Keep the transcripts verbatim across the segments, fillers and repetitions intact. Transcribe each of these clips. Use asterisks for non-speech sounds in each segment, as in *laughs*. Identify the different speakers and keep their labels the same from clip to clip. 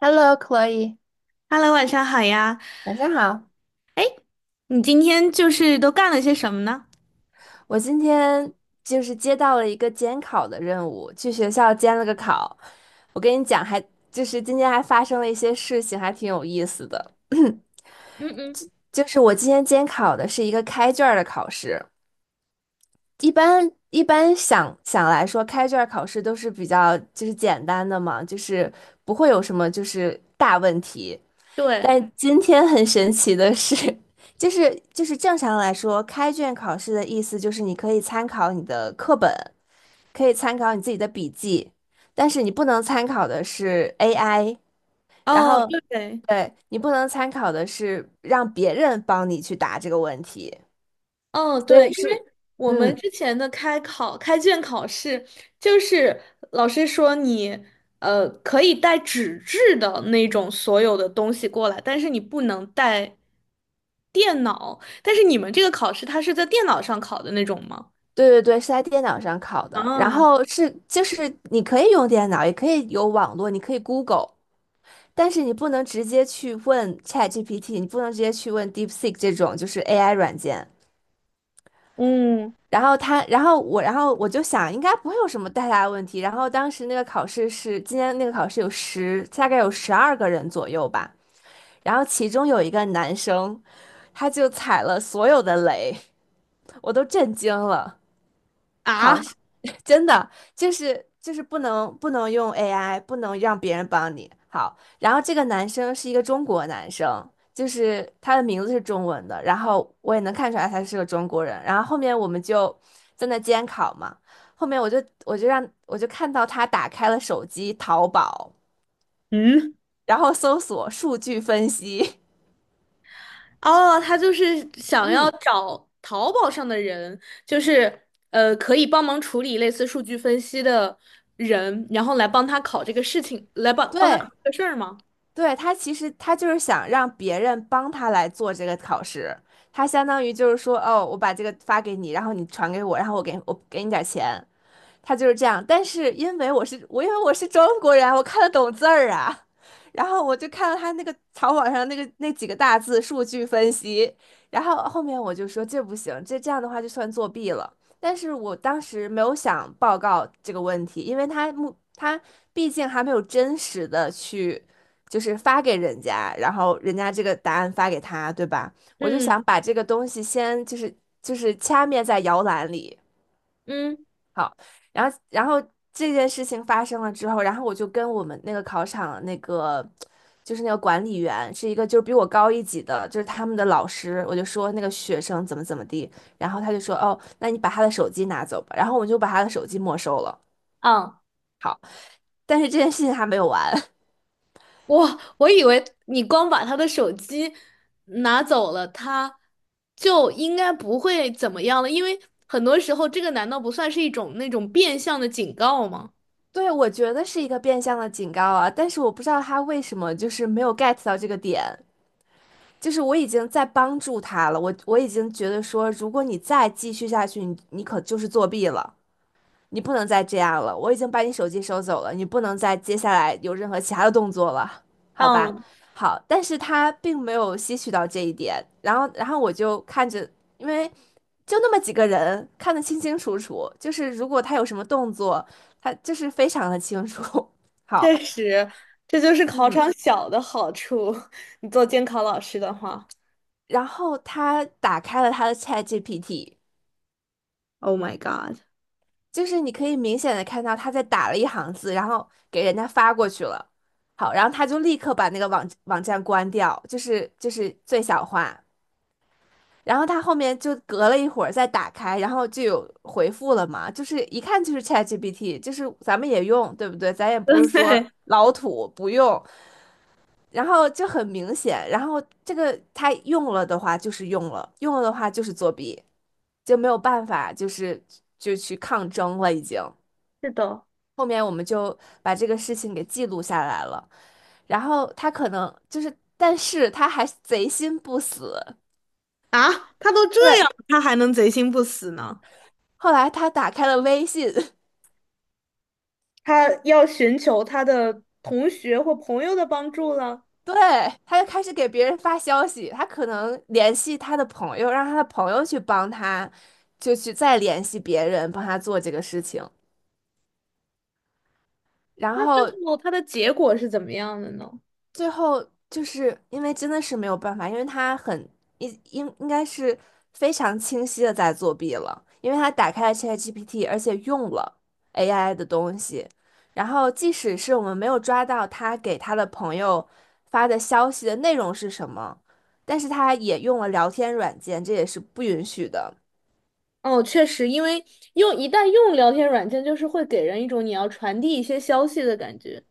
Speaker 1: h e l l o c l o e
Speaker 2: Hello，晚上好呀！
Speaker 1: 晚上好。
Speaker 2: 你今天就是都干了些什么呢？
Speaker 1: 我今天就是接到了一个监考的任务，去学校监了个考。我跟你讲还，就是今天还发生了一些事情，还挺有意思的。*clears throat*
Speaker 2: 嗯嗯，
Speaker 1: 就是我今天监考的是一个开卷儿的考试，一般一般想想来说，开卷儿考试都是比较就是简单的嘛，就是不会有什么就是大问题。
Speaker 2: 对，
Speaker 1: 但今天很神奇的是，*laughs* 就是就是正常来说，开卷考试的意思就是你可以参考你的课本，可以参考你自己的笔记，但是你不能参考的是 A I，然
Speaker 2: 哦，
Speaker 1: 后
Speaker 2: 对，
Speaker 1: 对你不能参考的是让别人帮你去答这个问题，
Speaker 2: 哦
Speaker 1: 所
Speaker 2: 对，
Speaker 1: 以
Speaker 2: 因为
Speaker 1: 是，
Speaker 2: 我们
Speaker 1: 嗯，
Speaker 2: 之前的开考、开卷考试，就是老师说你呃可以带纸质的那种所有的东西过来，但是你不能带电脑。但是你们这个考试，它是在电脑上考的那种吗？
Speaker 1: 对对对，是在电脑上考的，然
Speaker 2: 啊，
Speaker 1: 后是就是你可以用电脑，也可以有网络，你可以 Google。但是你不能直接去问 ChatGPT，你不能直接去问 DeepSeek 这种就是 A I 软件。
Speaker 2: 嗯
Speaker 1: 然后他，然后我，然后我就想，应该不会有什么太大的问题。然后当时那个考试是，今天那个考试有十，大概有十二个人左右吧。然后其中有一个男生，他就踩了所有的雷，我都震惊了。好，
Speaker 2: 啊，
Speaker 1: 真的就是就是不能不能用 A I，不能让别人帮你。好，然后这个男生是一个中国男生，就是他的名字是中文的，然后我也能看出来他是个中国人。然后后面我们就在那监考嘛，后面我就我就让我就看到他打开了手机淘宝，
Speaker 2: 嗯。
Speaker 1: 然后搜索数据分析，
Speaker 2: 哦，他就是
Speaker 1: *laughs*
Speaker 2: 想要
Speaker 1: 嗯，
Speaker 2: 找淘宝上的人，就是呃，可以帮忙处理类似数据分析的人，然后来帮他考这个事情，来帮帮他考
Speaker 1: 对，
Speaker 2: 这个事儿吗？
Speaker 1: 对，他其实他就是想让别人帮他来做这个考试，他相当于就是说，哦，我把这个发给你，然后你传给我，然后我给我给你点儿钱。他就是这样。但是因为我是我，因为我是中国人，我看得懂字儿啊。然后我就看到他那个草稿上那个那几个大字数据分析，然后后面我就说这不行，这这样的话就算作弊了。但是我当时没有想报告这个问题，因为他目他毕竟还没有真实的去就是发给人家，然后人家这个答案发给他，对吧？我就
Speaker 2: 嗯
Speaker 1: 想把这个东西先就是就是掐灭在摇篮里。
Speaker 2: 嗯
Speaker 1: 好，然后然后这件事情发生了之后，然后我就跟我们那个考场那个就是那个管理员是一个就是比我高一级的，就是他们的老师，我就说那个学生怎么怎么地，然后他就说哦，那你把他的手机拿走吧，然后我就把他的手机没收了，
Speaker 2: 啊，
Speaker 1: 但是这件事情还没有完。*laughs*
Speaker 2: 我我以为你光把他的手机拿走了，他就应该不会怎么样了，因为很多时候这个难道不算是一种那种变相的警告吗？
Speaker 1: 对，我觉得是一个变相的警告啊，但是我不知道他为什么就是没有 get 到这个点，就是我已经在帮助他了，我我已经觉得说，如果你再继续下去，你你可就是作弊了。你不能再这样了，我已经把你手机收走了，你不能再接下来有任何其他的动作了，好吧？
Speaker 2: 嗯。
Speaker 1: 好，但是他并没有吸取到这一点，然后，然后我就看着，因为就那么几个人，看得清清楚楚，就是如果他有什么动作，他就是非常的清楚。*laughs* 好，
Speaker 2: 确实，这就是考场小的好处。*laughs* 你做监考老师的话，
Speaker 1: 然后他打开了他的 ChatGPT，
Speaker 2: Oh my god!
Speaker 1: 就是你可以明显的看到他在打了一行字，然后给人家发过去了。好，然后他就立刻把那个网网站关掉，就是就是最小化。然后他后面就隔了一会儿再打开，然后就有回复了嘛，就是一看就是 ChatGPT，就是咱们也用，对不对？咱也不是
Speaker 2: *laughs*
Speaker 1: 说
Speaker 2: 对，
Speaker 1: 老土不用，然后就很明显，然后这个他用了的话就是用了，用了的话就是作弊，就没有办法，就是就去抗争了已经。
Speaker 2: 是的，
Speaker 1: 后面我们就把这个事情给记录下来了。然后他可能就是，但是他还贼心不死。
Speaker 2: 啊，他都这
Speaker 1: 对，
Speaker 2: 样了他还能贼心不死呢？
Speaker 1: 后来他打开了微信，
Speaker 2: 他要寻求他的同学或朋友的帮助了。
Speaker 1: *laughs* 对，他就开始给别人发消息。他可能联系他的朋友，让他的朋友去帮他，就去再联系别人帮他做这个事情。然
Speaker 2: 那最
Speaker 1: 后
Speaker 2: 后他的结果是怎么样的呢？
Speaker 1: 最后就是因为真的是没有办法，因为他很应应应该是非常清晰的在作弊了，因为他打开了 ChatGPT，而且用了 A I 的东西。然后即使是我们没有抓到他给他的朋友发的消息的内容是什么，但是他也用了聊天软件，这也是不允许的。
Speaker 2: 哦，确实，因为用一旦用聊天软件，就是会给人一种你要传递一些消息的感觉。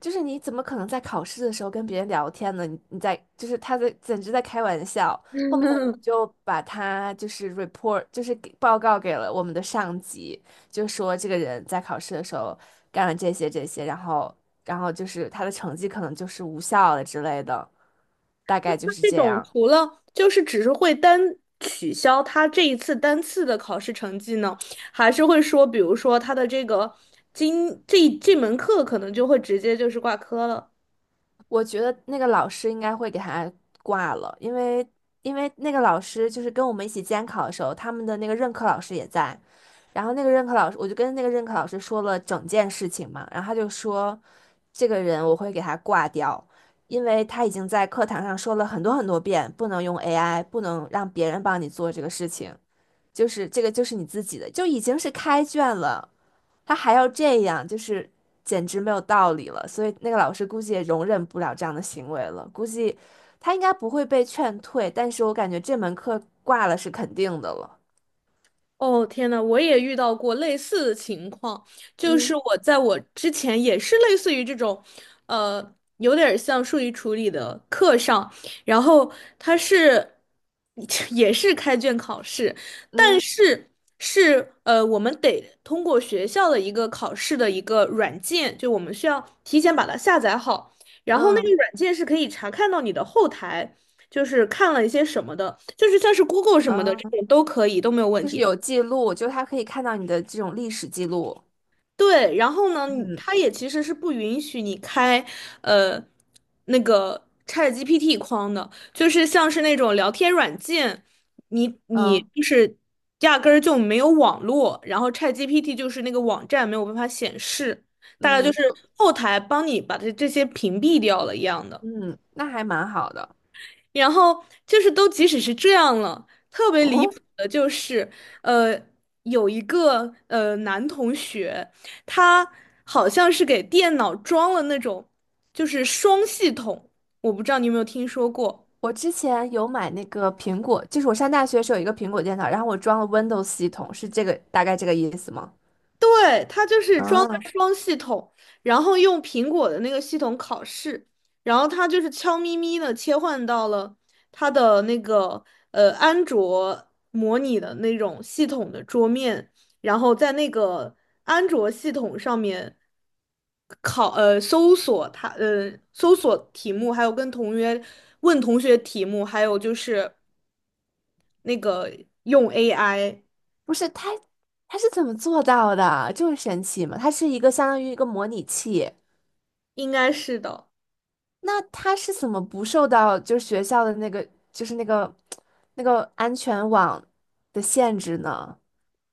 Speaker 1: 就是你怎么可能在考试的时候跟别人聊天呢？你你在就是他在简直在开玩笑。后面我们就把他就是 report 就是给报告给了我们的上级，就说这个人在考试的时候干了这些这些，然后然后就是他的成绩可能就是无效了之类的，大概就是
Speaker 2: 这
Speaker 1: 这
Speaker 2: 种
Speaker 1: 样。
Speaker 2: 除了就是只是会单取消他这一次单次的考试成绩呢，还是会说，比如说他的这个今这这门课可能就会直接就是挂科了。
Speaker 1: 我觉得那个老师应该会给他挂了，因为因为那个老师就是跟我们一起监考的时候，他们的那个任课老师也在，然后那个任课老师，我就跟那个任课老师说了整件事情嘛，然后他就说，这个人我会给他挂掉，因为他已经在课堂上说了很多很多遍，不能用 A I，不能让别人帮你做这个事情，就是这个就是你自己的，就已经是开卷了。他还要这样，就是简直没有道理了。所以那个老师估计也容忍不了这样的行为了，估计他应该不会被劝退，但是我感觉这门课挂了是肯定的了。
Speaker 2: 哦，天呐，我也遇到过类似的情况，就
Speaker 1: 嗯
Speaker 2: 是我在我之前也是类似于这种，呃，有点儿像数据处理的课上，然后他是 *laughs* 也是开卷考试，
Speaker 1: 嗯
Speaker 2: 是是，呃，我们得通过学校的一个考试的一个软件，就我们需要提前把它下载好，然后那个
Speaker 1: 嗯
Speaker 2: 软件是可以查看到你的后台，就是看了一些什么的，就是像是 Google 什么的这
Speaker 1: 嗯，
Speaker 2: 种都可以，都没有问
Speaker 1: 就是
Speaker 2: 题。
Speaker 1: 有记录，就是他可以看到你的这种历史记录。
Speaker 2: 对，然后呢，你
Speaker 1: 嗯
Speaker 2: 它也其实是不允许你开，呃，那个 ChatGPT 框的，就是像是那种聊天软件，你你
Speaker 1: 嗯
Speaker 2: 就是压根儿就没有网络，然后 ChatGPT 就是那个网站没有办法显示，大概就
Speaker 1: 嗯
Speaker 2: 是
Speaker 1: 就
Speaker 2: 后台帮你把这这些屏蔽掉了一样的。
Speaker 1: 嗯，那还蛮好的。
Speaker 2: 然后就是都即使是这样了，特别离
Speaker 1: 哦，
Speaker 2: 谱的就是，呃，有一个呃男同学，他好像是给电脑装了那种就是双系统，我不知道你有没有听说过。
Speaker 1: 我之前有买那个苹果，就是我上大学的时候有一个苹果电脑，然后我装了 Windows 系统，是这个大概这个意思吗？
Speaker 2: 对，它就是装
Speaker 1: 啊。
Speaker 2: 的双系统，然后用苹果的那个系统考试，然后它就是悄咪咪的切换到了它的那个呃安卓模拟的那种系统的桌面，然后在那个安卓系统上面考呃搜索它呃搜索题目，还有跟同学问同学题目，还有就是那个用 A I,
Speaker 1: 不是他，他是怎么做到的？就是神奇嘛，它是一个相当于一个模拟器。
Speaker 2: 应该是的。
Speaker 1: 那他是怎么不受到就是学校的那个就是那个那个安全网的限制呢？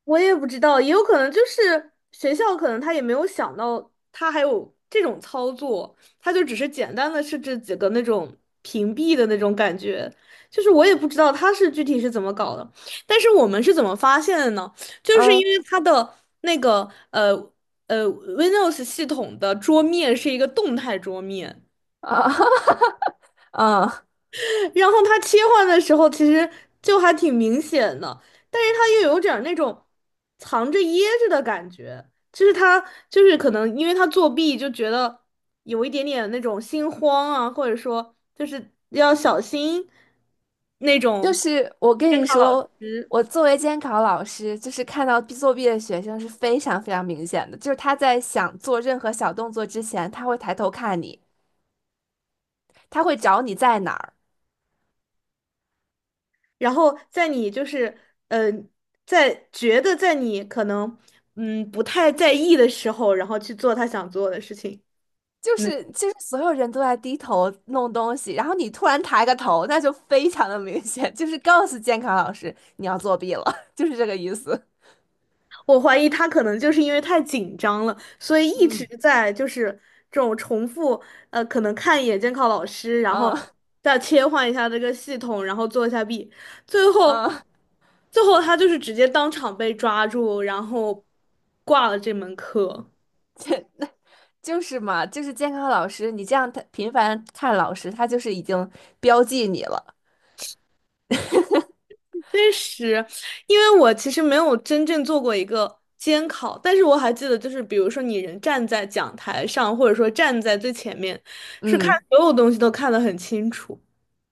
Speaker 2: 我也不知道，也有可能就是学校可能他也没有想到他还有这种操作，他就只是简单的设置几个那种屏蔽的那种感觉，就是我也不知道他是具体是怎么搞的，但是我们是怎么发现的呢？就是因
Speaker 1: 嗯
Speaker 2: 为他的那个呃呃 Windows 系统的桌面是一个动态桌面。
Speaker 1: 啊 *laughs* 嗯，
Speaker 2: 然后他切换的时候其实就还挺明显的，但是他又有点儿那种藏着掖着的感觉，就是他就是可能因为他作弊就觉得有一点点那种心慌啊，或者说就是要小心那
Speaker 1: 就
Speaker 2: 种
Speaker 1: 是我跟
Speaker 2: 监
Speaker 1: 你
Speaker 2: 考老
Speaker 1: 说，
Speaker 2: 师，
Speaker 1: 我作为监考老师，就是看到作弊的学生是非常非常明显的，就是他在想做任何小动作之前，他会抬头看你，他会找你在哪儿。
Speaker 2: 然后在你就是呃在觉得在你可能嗯不太在意的时候，然后去做他想做的事情。
Speaker 1: 就是就是所有人都在低头弄东西，然后你突然抬个头，那就非常的明显，*laughs* 就是告诉监考老师你要作弊了，*laughs* 就是这个意思。
Speaker 2: 我怀疑他可能就是因为太紧张了，所以一直在就是这种重复，呃，可能看一眼监考老师，然后
Speaker 1: 嗯
Speaker 2: 再切换一下这个系统，然后做一下弊，最后，
Speaker 1: 嗯，
Speaker 2: 最后他就是直接当场被抓住，然后挂了这门课。
Speaker 1: 就是嘛，就是监考老师，你这样他频繁看老师，他就是已经标记你了。
Speaker 2: 确实，因为我其实没有真正做过一个监考，但是我还记得，就是比如说你人站在讲台上，或者说站在最前面，是看
Speaker 1: 嗯，
Speaker 2: 所有东西都看得很清楚。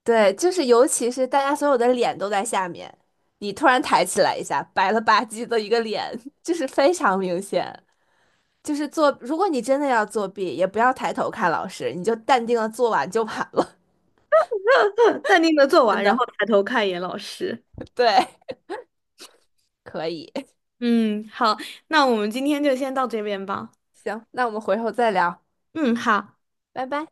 Speaker 1: 对，就是尤其是大家所有的脸都在下面，你突然抬起来一下，白了吧唧的一个脸，*laughs* 就是非常明显。就是作，如果你真的要作弊，也不要抬头看老师，你就淡定的做完就完了，
Speaker 2: *laughs* 淡定的做
Speaker 1: 真
Speaker 2: 完，然后
Speaker 1: 的。
Speaker 2: 抬头看一眼老师。
Speaker 1: *laughs* 对，可以，*laughs*
Speaker 2: 嗯，好，那我们今天就先到这边吧。
Speaker 1: 行，那我们回头再聊，
Speaker 2: 嗯，好。
Speaker 1: 拜拜。